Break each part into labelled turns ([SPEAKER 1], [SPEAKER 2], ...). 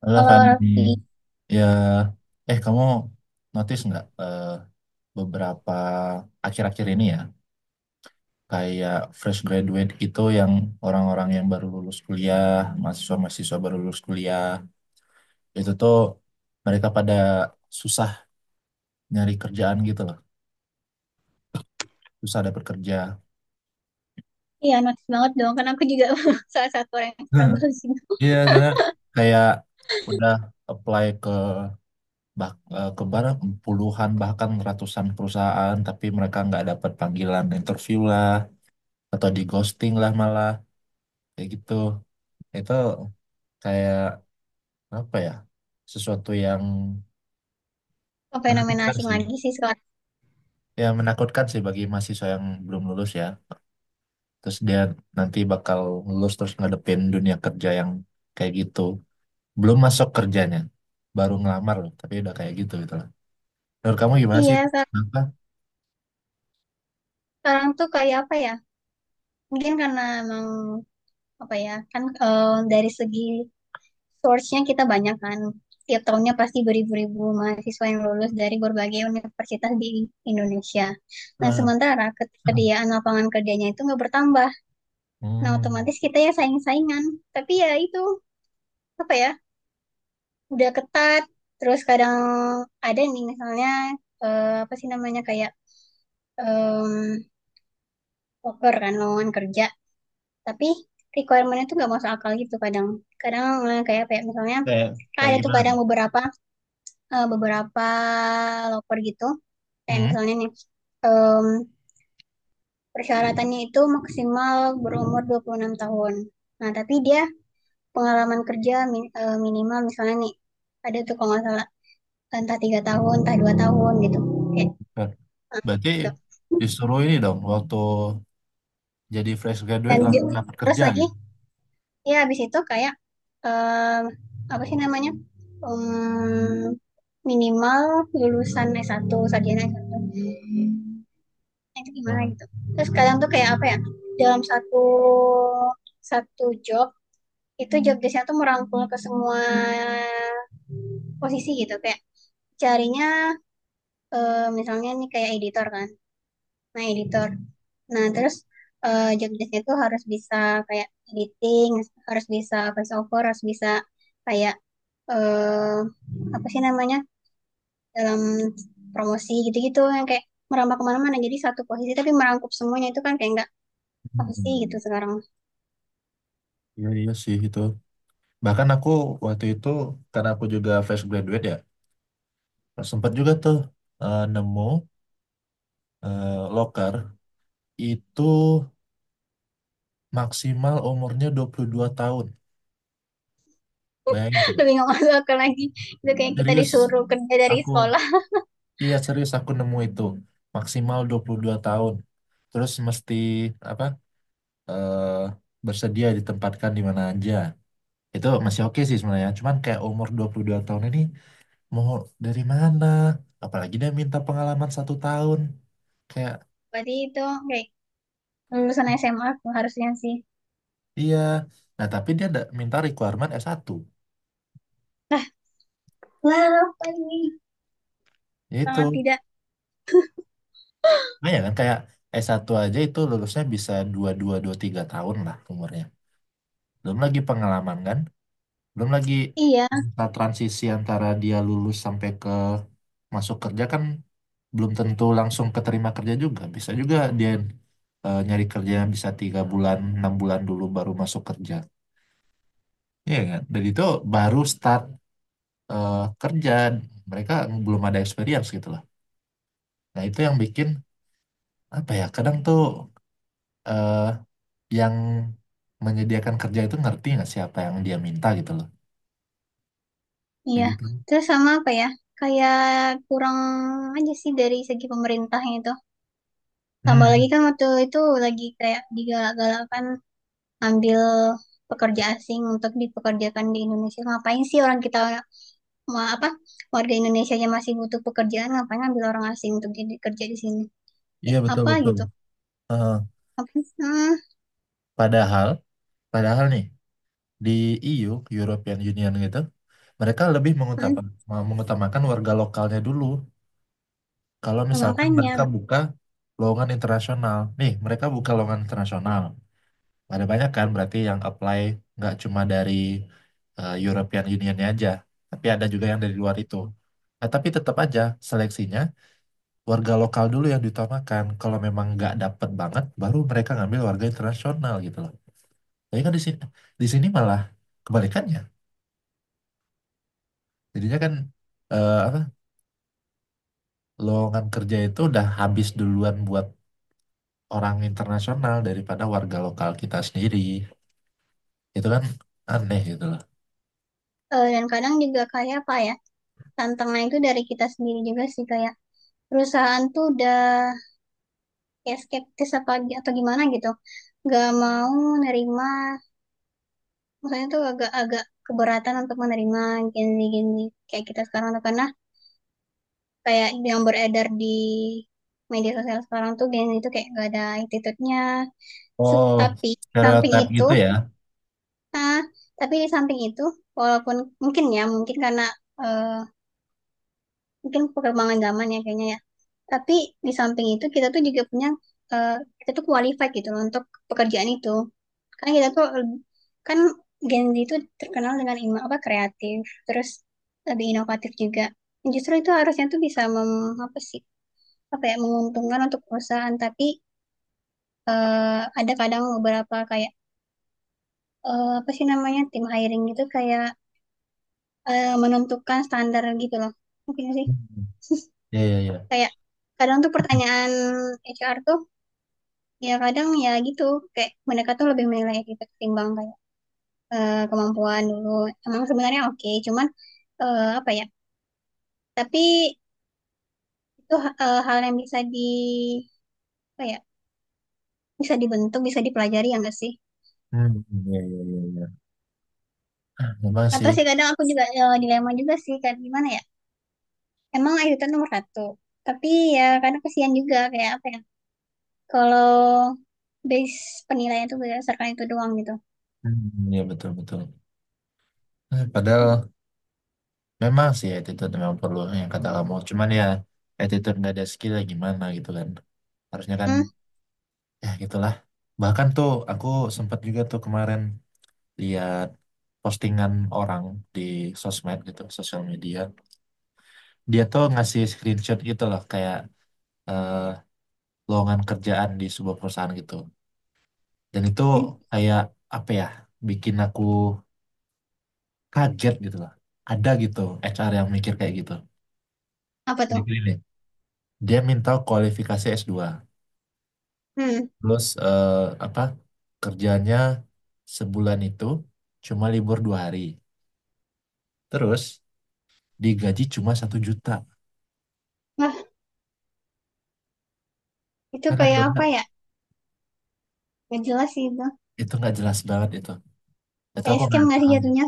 [SPEAKER 1] Halo
[SPEAKER 2] Kalau
[SPEAKER 1] Fani,
[SPEAKER 2] Raffi,
[SPEAKER 1] ya, kamu notice nggak beberapa akhir-akhir ini ya, kayak fresh graduate itu yang orang-orang yang baru lulus kuliah, mahasiswa-mahasiswa baru lulus kuliah, itu tuh mereka pada susah nyari kerjaan gitu loh, susah dapet kerja.
[SPEAKER 2] iya notice banget dong. Karena aku juga salah satu orang yang
[SPEAKER 1] Hmm.
[SPEAKER 2] struggle sih.
[SPEAKER 1] Iya, soalnya kayak udah apply ke barang puluhan bahkan ratusan perusahaan, tapi mereka nggak dapat panggilan interview lah, atau di ghosting lah malah kayak gitu. Itu kayak apa ya, sesuatu yang
[SPEAKER 2] Ke fenomena
[SPEAKER 1] menakutkan
[SPEAKER 2] asing
[SPEAKER 1] sih,
[SPEAKER 2] lagi sih sekarang.
[SPEAKER 1] ya menakutkan sih bagi mahasiswa yang belum lulus ya. Terus dia nanti bakal lulus terus ngadepin dunia kerja yang kayak gitu. Belum masuk kerjanya, baru ngelamar loh, tapi udah kayak gitu gitu lah. Menurut kamu gimana sih,
[SPEAKER 2] Iya, se-
[SPEAKER 1] kenapa?
[SPEAKER 2] Sekarang tuh kayak apa ya? Mungkin karena emang apa ya? Kan dari segi source-nya kita banyak kan. Tiap tahunnya pasti beribu-ribu mahasiswa yang lulus dari berbagai universitas di Indonesia. Nah,
[SPEAKER 1] Nah.
[SPEAKER 2] sementara ketersediaan lapangan kerjanya itu nggak bertambah. Nah,
[SPEAKER 1] hmm,
[SPEAKER 2] otomatis kita ya saing-saingan. Tapi ya itu, apa ya? Udah ketat, terus kadang ada nih misalnya, apa sih namanya, kayak em, poker kan lowongan kerja, tapi requirementnya tuh nggak masuk akal gitu kadang. Kadang kayak, misalnya,
[SPEAKER 1] kayak
[SPEAKER 2] kan
[SPEAKER 1] kayak
[SPEAKER 2] ada tuh
[SPEAKER 1] gimana
[SPEAKER 2] kadang
[SPEAKER 1] tuh?
[SPEAKER 2] beberapa, beberapa loper gitu kayak
[SPEAKER 1] Hmm.
[SPEAKER 2] misalnya nih, em, persyaratannya itu maksimal berumur 26 tahun. Nah tapi dia pengalaman kerja minimal misalnya nih, ada tuh kalau nggak salah entah 3 tahun entah 2 tahun gitu. Kayak,
[SPEAKER 1] Ber-
[SPEAKER 2] Eh,
[SPEAKER 1] Berarti
[SPEAKER 2] gitu.
[SPEAKER 1] disuruh ini dong, waktu jadi fresh graduate
[SPEAKER 2] Dan di-
[SPEAKER 1] langsung dapat
[SPEAKER 2] Terus
[SPEAKER 1] kerja
[SPEAKER 2] lagi,
[SPEAKER 1] gitu.
[SPEAKER 2] ya habis itu kayak em, apa sih namanya? Em, minimal lulusan s satu, sarjana S1. Nah, itu gimana
[SPEAKER 1] Nah.
[SPEAKER 2] gitu. Terus kadang tuh kayak apa ya? Dalam satu satu job itu, job desknya tuh merangkul ke semua posisi gitu, kayak carinya misalnya nih kayak editor kan. Nah, editor. Nah, terus job desk itu harus bisa kayak editing, harus bisa voice over, harus bisa kayak eh apa sih namanya, dalam promosi gitu-gitu yang kayak merambah kemana-mana. Jadi satu posisi tapi merangkup semuanya itu kan kayak nggak apa sih gitu
[SPEAKER 1] Hmm,
[SPEAKER 2] sekarang.
[SPEAKER 1] iya, iya sih itu. Bahkan aku waktu itu, karena aku juga fresh graduate ya, sempat juga tuh nemu loker itu maksimal umurnya 22 tahun. Bayangin
[SPEAKER 2] Lebih
[SPEAKER 1] coba.
[SPEAKER 2] nggak masuk akal lagi. Itu kayak kita
[SPEAKER 1] Serius,
[SPEAKER 2] disuruh kerja dari
[SPEAKER 1] aku,
[SPEAKER 2] sekolah.
[SPEAKER 1] iya serius aku nemu itu maksimal 22 tahun. Terus mesti apa? eh, Bersedia ditempatkan di mana aja. Itu masih oke sih sebenarnya. Cuman kayak umur 22 tahun ini mau dari mana? Apalagi dia minta pengalaman 1 tahun. Kayak,
[SPEAKER 2] Berarti itu kayak lulusan SMA tuh harusnya sih.
[SPEAKER 1] iya. Nah, tapi dia ada minta requirement S1.
[SPEAKER 2] Lah, apa ini? Sangat
[SPEAKER 1] Yaitu,
[SPEAKER 2] tidak.
[SPEAKER 1] nah ya kan kayak S1 aja itu lulusnya bisa dua dua dua tiga tahun lah umurnya. Belum lagi pengalaman kan. Belum lagi
[SPEAKER 2] Iya,
[SPEAKER 1] masa transisi antara dia lulus sampai ke masuk kerja kan belum tentu langsung keterima kerja juga. Bisa juga dia nyari kerja yang bisa 3 bulan, 6 bulan dulu baru masuk kerja. Iya kan? Dan itu baru start eh, kerja, mereka belum ada experience gitu lah. Nah itu yang bikin apa ya, kadang tuh eh, yang menyediakan kerja itu ngerti nggak siapa yang dia minta gitu loh, kayak
[SPEAKER 2] Iya,
[SPEAKER 1] gitu.
[SPEAKER 2] terus sama apa ya? Kayak kurang aja sih dari segi pemerintahnya itu. Tambah lagi
[SPEAKER 1] Hmm,
[SPEAKER 2] kan waktu itu lagi kayak digalak galakan ambil pekerja asing untuk dipekerjakan di Indonesia. Ngapain sih orang kita, apa, warga Indonesia yang masih butuh pekerjaan, ngapain ambil orang asing untuk jadi kerja di sini?
[SPEAKER 1] iya
[SPEAKER 2] Kayak
[SPEAKER 1] betul
[SPEAKER 2] apa
[SPEAKER 1] betul.
[SPEAKER 2] gitu?
[SPEAKER 1] Eh,
[SPEAKER 2] Apa sih? Hmm,
[SPEAKER 1] padahal padahal nih di EU, European Union gitu, mereka lebih
[SPEAKER 2] hmm,
[SPEAKER 1] mengutamakan mengutamakan warga lokalnya dulu. Kalau misalkan
[SPEAKER 2] makanya.
[SPEAKER 1] mereka buka lowongan internasional, nih mereka buka lowongan internasional, ada banyak kan berarti yang apply, nggak cuma dari European Union aja, tapi ada juga yang dari luar itu. Nah, tapi tetap aja seleksinya warga lokal dulu yang diutamakan. Kalau memang nggak dapet banget, baru mereka ngambil warga internasional gitu loh. Tapi kan di sini, di sini malah kebalikannya. Jadinya kan apa, lowongan kerja itu udah habis duluan buat orang internasional daripada warga lokal kita sendiri. Itu kan aneh gitu loh.
[SPEAKER 2] Dan kadang juga kayak apa ya? Tantangan itu dari kita sendiri juga sih, kayak perusahaan tuh udah kayak skeptis apa atau gimana gitu, nggak mau nerima, maksudnya tuh agak-agak keberatan untuk menerima gini-gini kayak kita sekarang tuh, karena kayak yang beredar di media sosial sekarang tuh gini, itu kayak gak ada attitude-nya.
[SPEAKER 1] Oh,
[SPEAKER 2] Tapi samping
[SPEAKER 1] stereotip
[SPEAKER 2] itu,
[SPEAKER 1] gitu ya.
[SPEAKER 2] ah, tapi di samping itu, walaupun mungkin, ya mungkin karena eh, mungkin perkembangan zaman ya kayaknya ya, tapi di samping itu kita tuh juga punya, eh, kita tuh qualified gitu loh untuk pekerjaan itu, kan kita tuh kan Gen Z itu terkenal dengan ino, apa, kreatif, terus lebih inovatif juga, justru itu harusnya tuh bisa mem, apa sih, apa ya, menguntungkan untuk perusahaan, tapi ada kadang beberapa kayak apa sih namanya, tim hiring itu kayak menentukan standar gitu loh, mungkin sih.
[SPEAKER 1] Hmm. Iya, iya, iya.
[SPEAKER 2] Kayak kadang tuh pertanyaan HR tuh ya kadang ya gitu, kayak mereka tuh lebih menilai kita ketimbang kayak kemampuan dulu, emang sebenarnya oke cuman apa ya. Tapi itu hal yang bisa di apa ya? Bisa dibentuk, bisa dipelajari ya nggak sih?
[SPEAKER 1] Hmm, iya, iya, iya, iya. Ah, memang
[SPEAKER 2] Atau
[SPEAKER 1] sih.
[SPEAKER 2] sih kadang aku juga dilema juga sih kan gimana ya? Emang ITT nomor satu. Tapi ya kadang kesian juga kayak apa ya? Kalau base penilaian itu berdasarkan itu doang gitu.
[SPEAKER 1] Hmm, iya, betul, betul. Padahal memang sih, attitude memang perlu yang kata kamu. Cuman ya attitude nggak ada skill ya gimana gitu kan. Harusnya kan,
[SPEAKER 2] Hmm,
[SPEAKER 1] ya gitulah. Bahkan tuh aku sempat juga tuh kemarin lihat postingan orang di sosmed gitu, sosial media. Dia tuh ngasih screenshot gitu loh kayak eh, lowongan kerjaan di sebuah perusahaan gitu. Dan itu
[SPEAKER 2] hmm.
[SPEAKER 1] kayak apa ya, bikin aku kaget gitu lah. Ada gitu HR yang mikir kayak gitu.
[SPEAKER 2] Apa
[SPEAKER 1] Kayak
[SPEAKER 2] tuh?
[SPEAKER 1] gini nih, dia minta kualifikasi S2.
[SPEAKER 2] Hmm.
[SPEAKER 1] Terus apa, kerjanya sebulan itu cuma libur 2 hari. Terus digaji cuma 1 juta.
[SPEAKER 2] Wah, itu
[SPEAKER 1] Karena dia
[SPEAKER 2] kayak apa
[SPEAKER 1] orang-
[SPEAKER 2] ya? Gak jelas sih itu.
[SPEAKER 1] itu nggak jelas banget itu. Itu
[SPEAKER 2] Kayak
[SPEAKER 1] aku
[SPEAKER 2] scam
[SPEAKER 1] nggak
[SPEAKER 2] nggak sih
[SPEAKER 1] paham.
[SPEAKER 2] jatuhnya?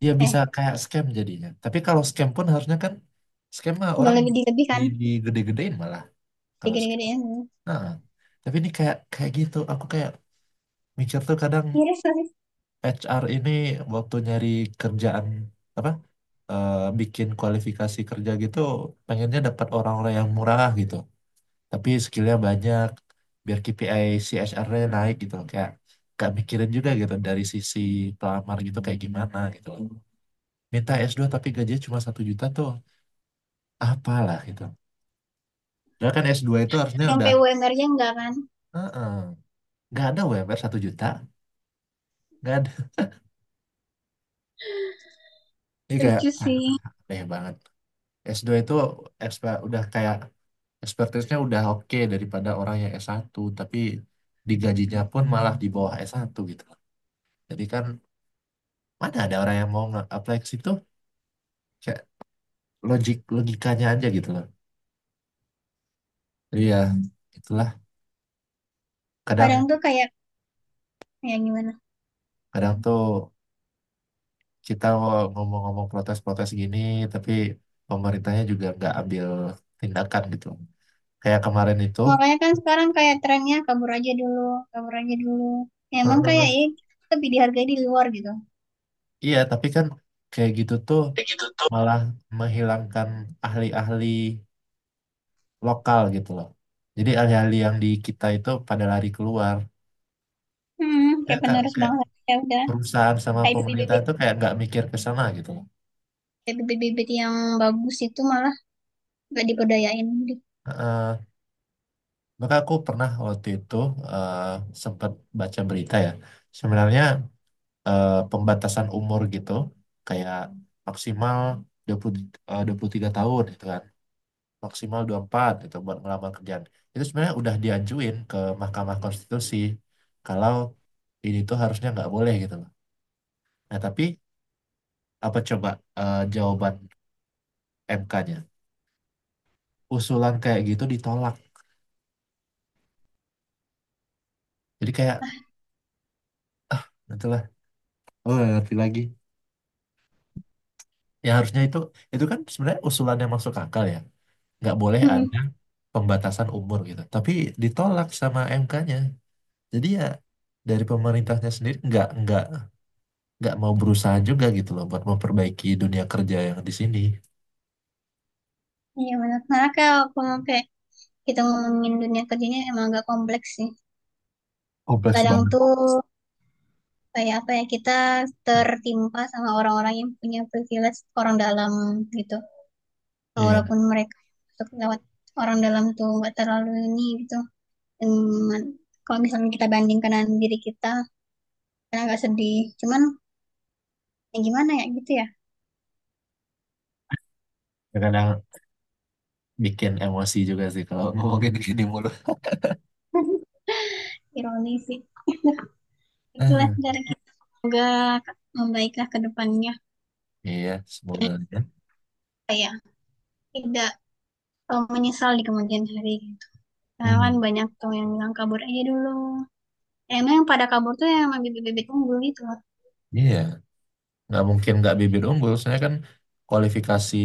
[SPEAKER 1] Dia bisa
[SPEAKER 2] Eh,
[SPEAKER 1] kayak scam jadinya. Tapi kalau scam pun harusnya kan scam mah
[SPEAKER 2] udah
[SPEAKER 1] orang
[SPEAKER 2] lebih dilebih kan?
[SPEAKER 1] digede-gedein malah kalau scam.
[SPEAKER 2] Digede-gedein.
[SPEAKER 1] Nah, tapi ini kayak kayak gitu. Aku kayak mikir tuh kadang
[SPEAKER 2] Miris nggak sih.
[SPEAKER 1] HR ini waktu nyari kerjaan apa, bikin kualifikasi kerja gitu pengennya dapat orang-orang yang murah gitu tapi skillnya banyak biar KPI CSR-nya naik gitu, kayak gak mikirin juga gitu dari sisi pelamar, gitu kayak gimana gitu. Minta S2 tapi gajinya cuma 1 juta tuh apalah gitu. Padahal kan S2 itu harusnya
[SPEAKER 2] Yang
[SPEAKER 1] udah...
[SPEAKER 2] PUMR-nya nggak kan?
[SPEAKER 1] Heeh, nggak ada UMR 1 juta, nggak ada. Ini kayak,
[SPEAKER 2] Lucu
[SPEAKER 1] ah,
[SPEAKER 2] sih.
[SPEAKER 1] aneh banget. S2 itu udah kayak, expertise-nya udah oke daripada orang yang S1, tapi digajinya pun malah di bawah S1 gitu loh. Jadi kan mana ada orang yang mau nge-apply ke situ? Kayak logik, logikanya aja gitu loh. Jadi ya itulah kadang,
[SPEAKER 2] Kadang tuh kayak ya gimana,
[SPEAKER 1] kadang tuh kita ngomong-ngomong protes-protes gini, tapi pemerintahnya juga nggak ambil tindakan gitu. Kayak kemarin itu,
[SPEAKER 2] makanya kan sekarang kayak trennya kabur aja dulu, kabur aja dulu. Ya, emang kayak
[SPEAKER 1] heeh.
[SPEAKER 2] ya, lebih dihargai di luar gitu.
[SPEAKER 1] Iya tapi kan kayak gitu tuh malah menghilangkan ahli-ahli lokal gitu loh. Jadi alih-alih yang di kita itu pada lari keluar,
[SPEAKER 2] Hmm,
[SPEAKER 1] kayak,
[SPEAKER 2] kayak
[SPEAKER 1] kayak,
[SPEAKER 2] penerus
[SPEAKER 1] kayak
[SPEAKER 2] bangsa, ya udah
[SPEAKER 1] perusahaan sama
[SPEAKER 2] kayak
[SPEAKER 1] pemerintah
[SPEAKER 2] bibit-bibit,
[SPEAKER 1] itu kayak nggak mikir ke sana gitu loh.
[SPEAKER 2] bibit-bibit yang bagus itu malah gak diperdayain gitu.
[SPEAKER 1] Heeh. Maka aku pernah waktu itu eh, sempat baca berita ya. Sebenarnya pembatasan umur gitu kayak maksimal 20, eh, 23 tahun gitu kan. Maksimal 24 gitu buat ngelamar kerjaan. Itu sebenarnya udah diajuin ke Mahkamah Konstitusi kalau ini tuh harusnya nggak boleh gitu loh. Nah, tapi apa coba jawaban MK-nya, usulan kayak gitu ditolak. Jadi kayak itulah, oh nggak ngerti lagi. Ya harusnya itu kan sebenarnya usulan yang masuk akal ya, nggak boleh
[SPEAKER 2] Hmm,
[SPEAKER 1] ada pembatasan umur gitu, tapi ditolak sama MK-nya. Jadi ya dari pemerintahnya sendiri nggak mau berusaha juga gitu loh buat memperbaiki dunia kerja yang di sini
[SPEAKER 2] iya benar, karena kalau ngomong kayak, kita ngomongin dunia kerjanya emang agak kompleks sih.
[SPEAKER 1] kompleks
[SPEAKER 2] Kadang
[SPEAKER 1] banget.
[SPEAKER 2] tuh kayak apa ya, kita tertimpa sama orang-orang yang punya privilege orang dalam gitu,
[SPEAKER 1] Iya,
[SPEAKER 2] walaupun mereka masuk lewat orang dalam tuh nggak terlalu ini gitu. Cuman kalau misalnya kita bandingkan dengan diri kita, karena agak sedih. Cuman ya gimana ya gitu ya.
[SPEAKER 1] kadang bikin emosi juga sih kalau ngomongin gini mulu.
[SPEAKER 2] Ironi sih. Itulah
[SPEAKER 1] Ah,
[SPEAKER 2] cara kita. Semoga membaiklah ke depannya.
[SPEAKER 1] iya semoga
[SPEAKER 2] Ya
[SPEAKER 1] aja.
[SPEAKER 2] tidak menyesal di kemudian hari gitu. Karena kan
[SPEAKER 1] Hmm,
[SPEAKER 2] banyak tuh yang bilang kabur aja dulu. Ya, emang yang pada kabur tuh yang bibit-bibit unggul gitu.
[SPEAKER 1] iya, nggak mungkin nggak bibit unggul soalnya kan kualifikasi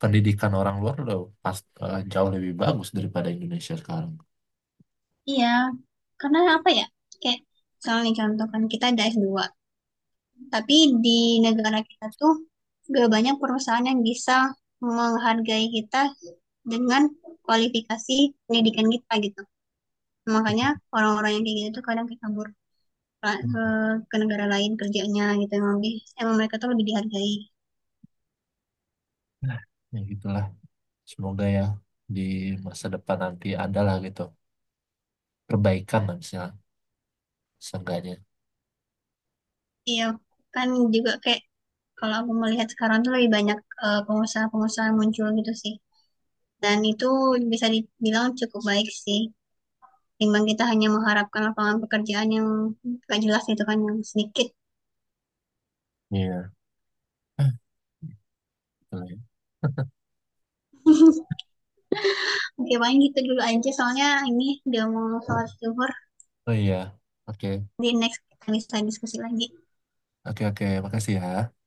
[SPEAKER 1] pendidikan orang luar udah jauh lebih bagus daripada Indonesia sekarang.
[SPEAKER 2] Iya. Karena apa ya? Kayak misalnya contoh kan kita ada S2. Tapi di negara kita tuh gak banyak perusahaan yang bisa menghargai kita dengan kualifikasi pendidikan kita gitu. Makanya orang-orang yang kayak gitu tuh kadang kayak kabur ke, ke negara lain kerjanya gitu. Emang mereka tuh lebih dihargai.
[SPEAKER 1] Nah, ya gitulah, semoga ya di masa depan nanti ada lah gitu perbaikan lah, misalnya seenggaknya.
[SPEAKER 2] Iya, kan juga kayak kalau aku melihat sekarang tuh lebih banyak pengusaha-pengusaha muncul gitu sih. Dan itu bisa dibilang cukup baik sih. Timbang kita hanya mengharapkan lapangan pekerjaan yang gak jelas itu kan yang sedikit.
[SPEAKER 1] Iya. Betul ya.
[SPEAKER 2] Oke, paling gitu dulu aja soalnya ini udah mau sholat zuhur.
[SPEAKER 1] Oh iya. Oke.
[SPEAKER 2] Di next kita bisa diskusi lagi.
[SPEAKER 1] Oke, oke, makasih ya.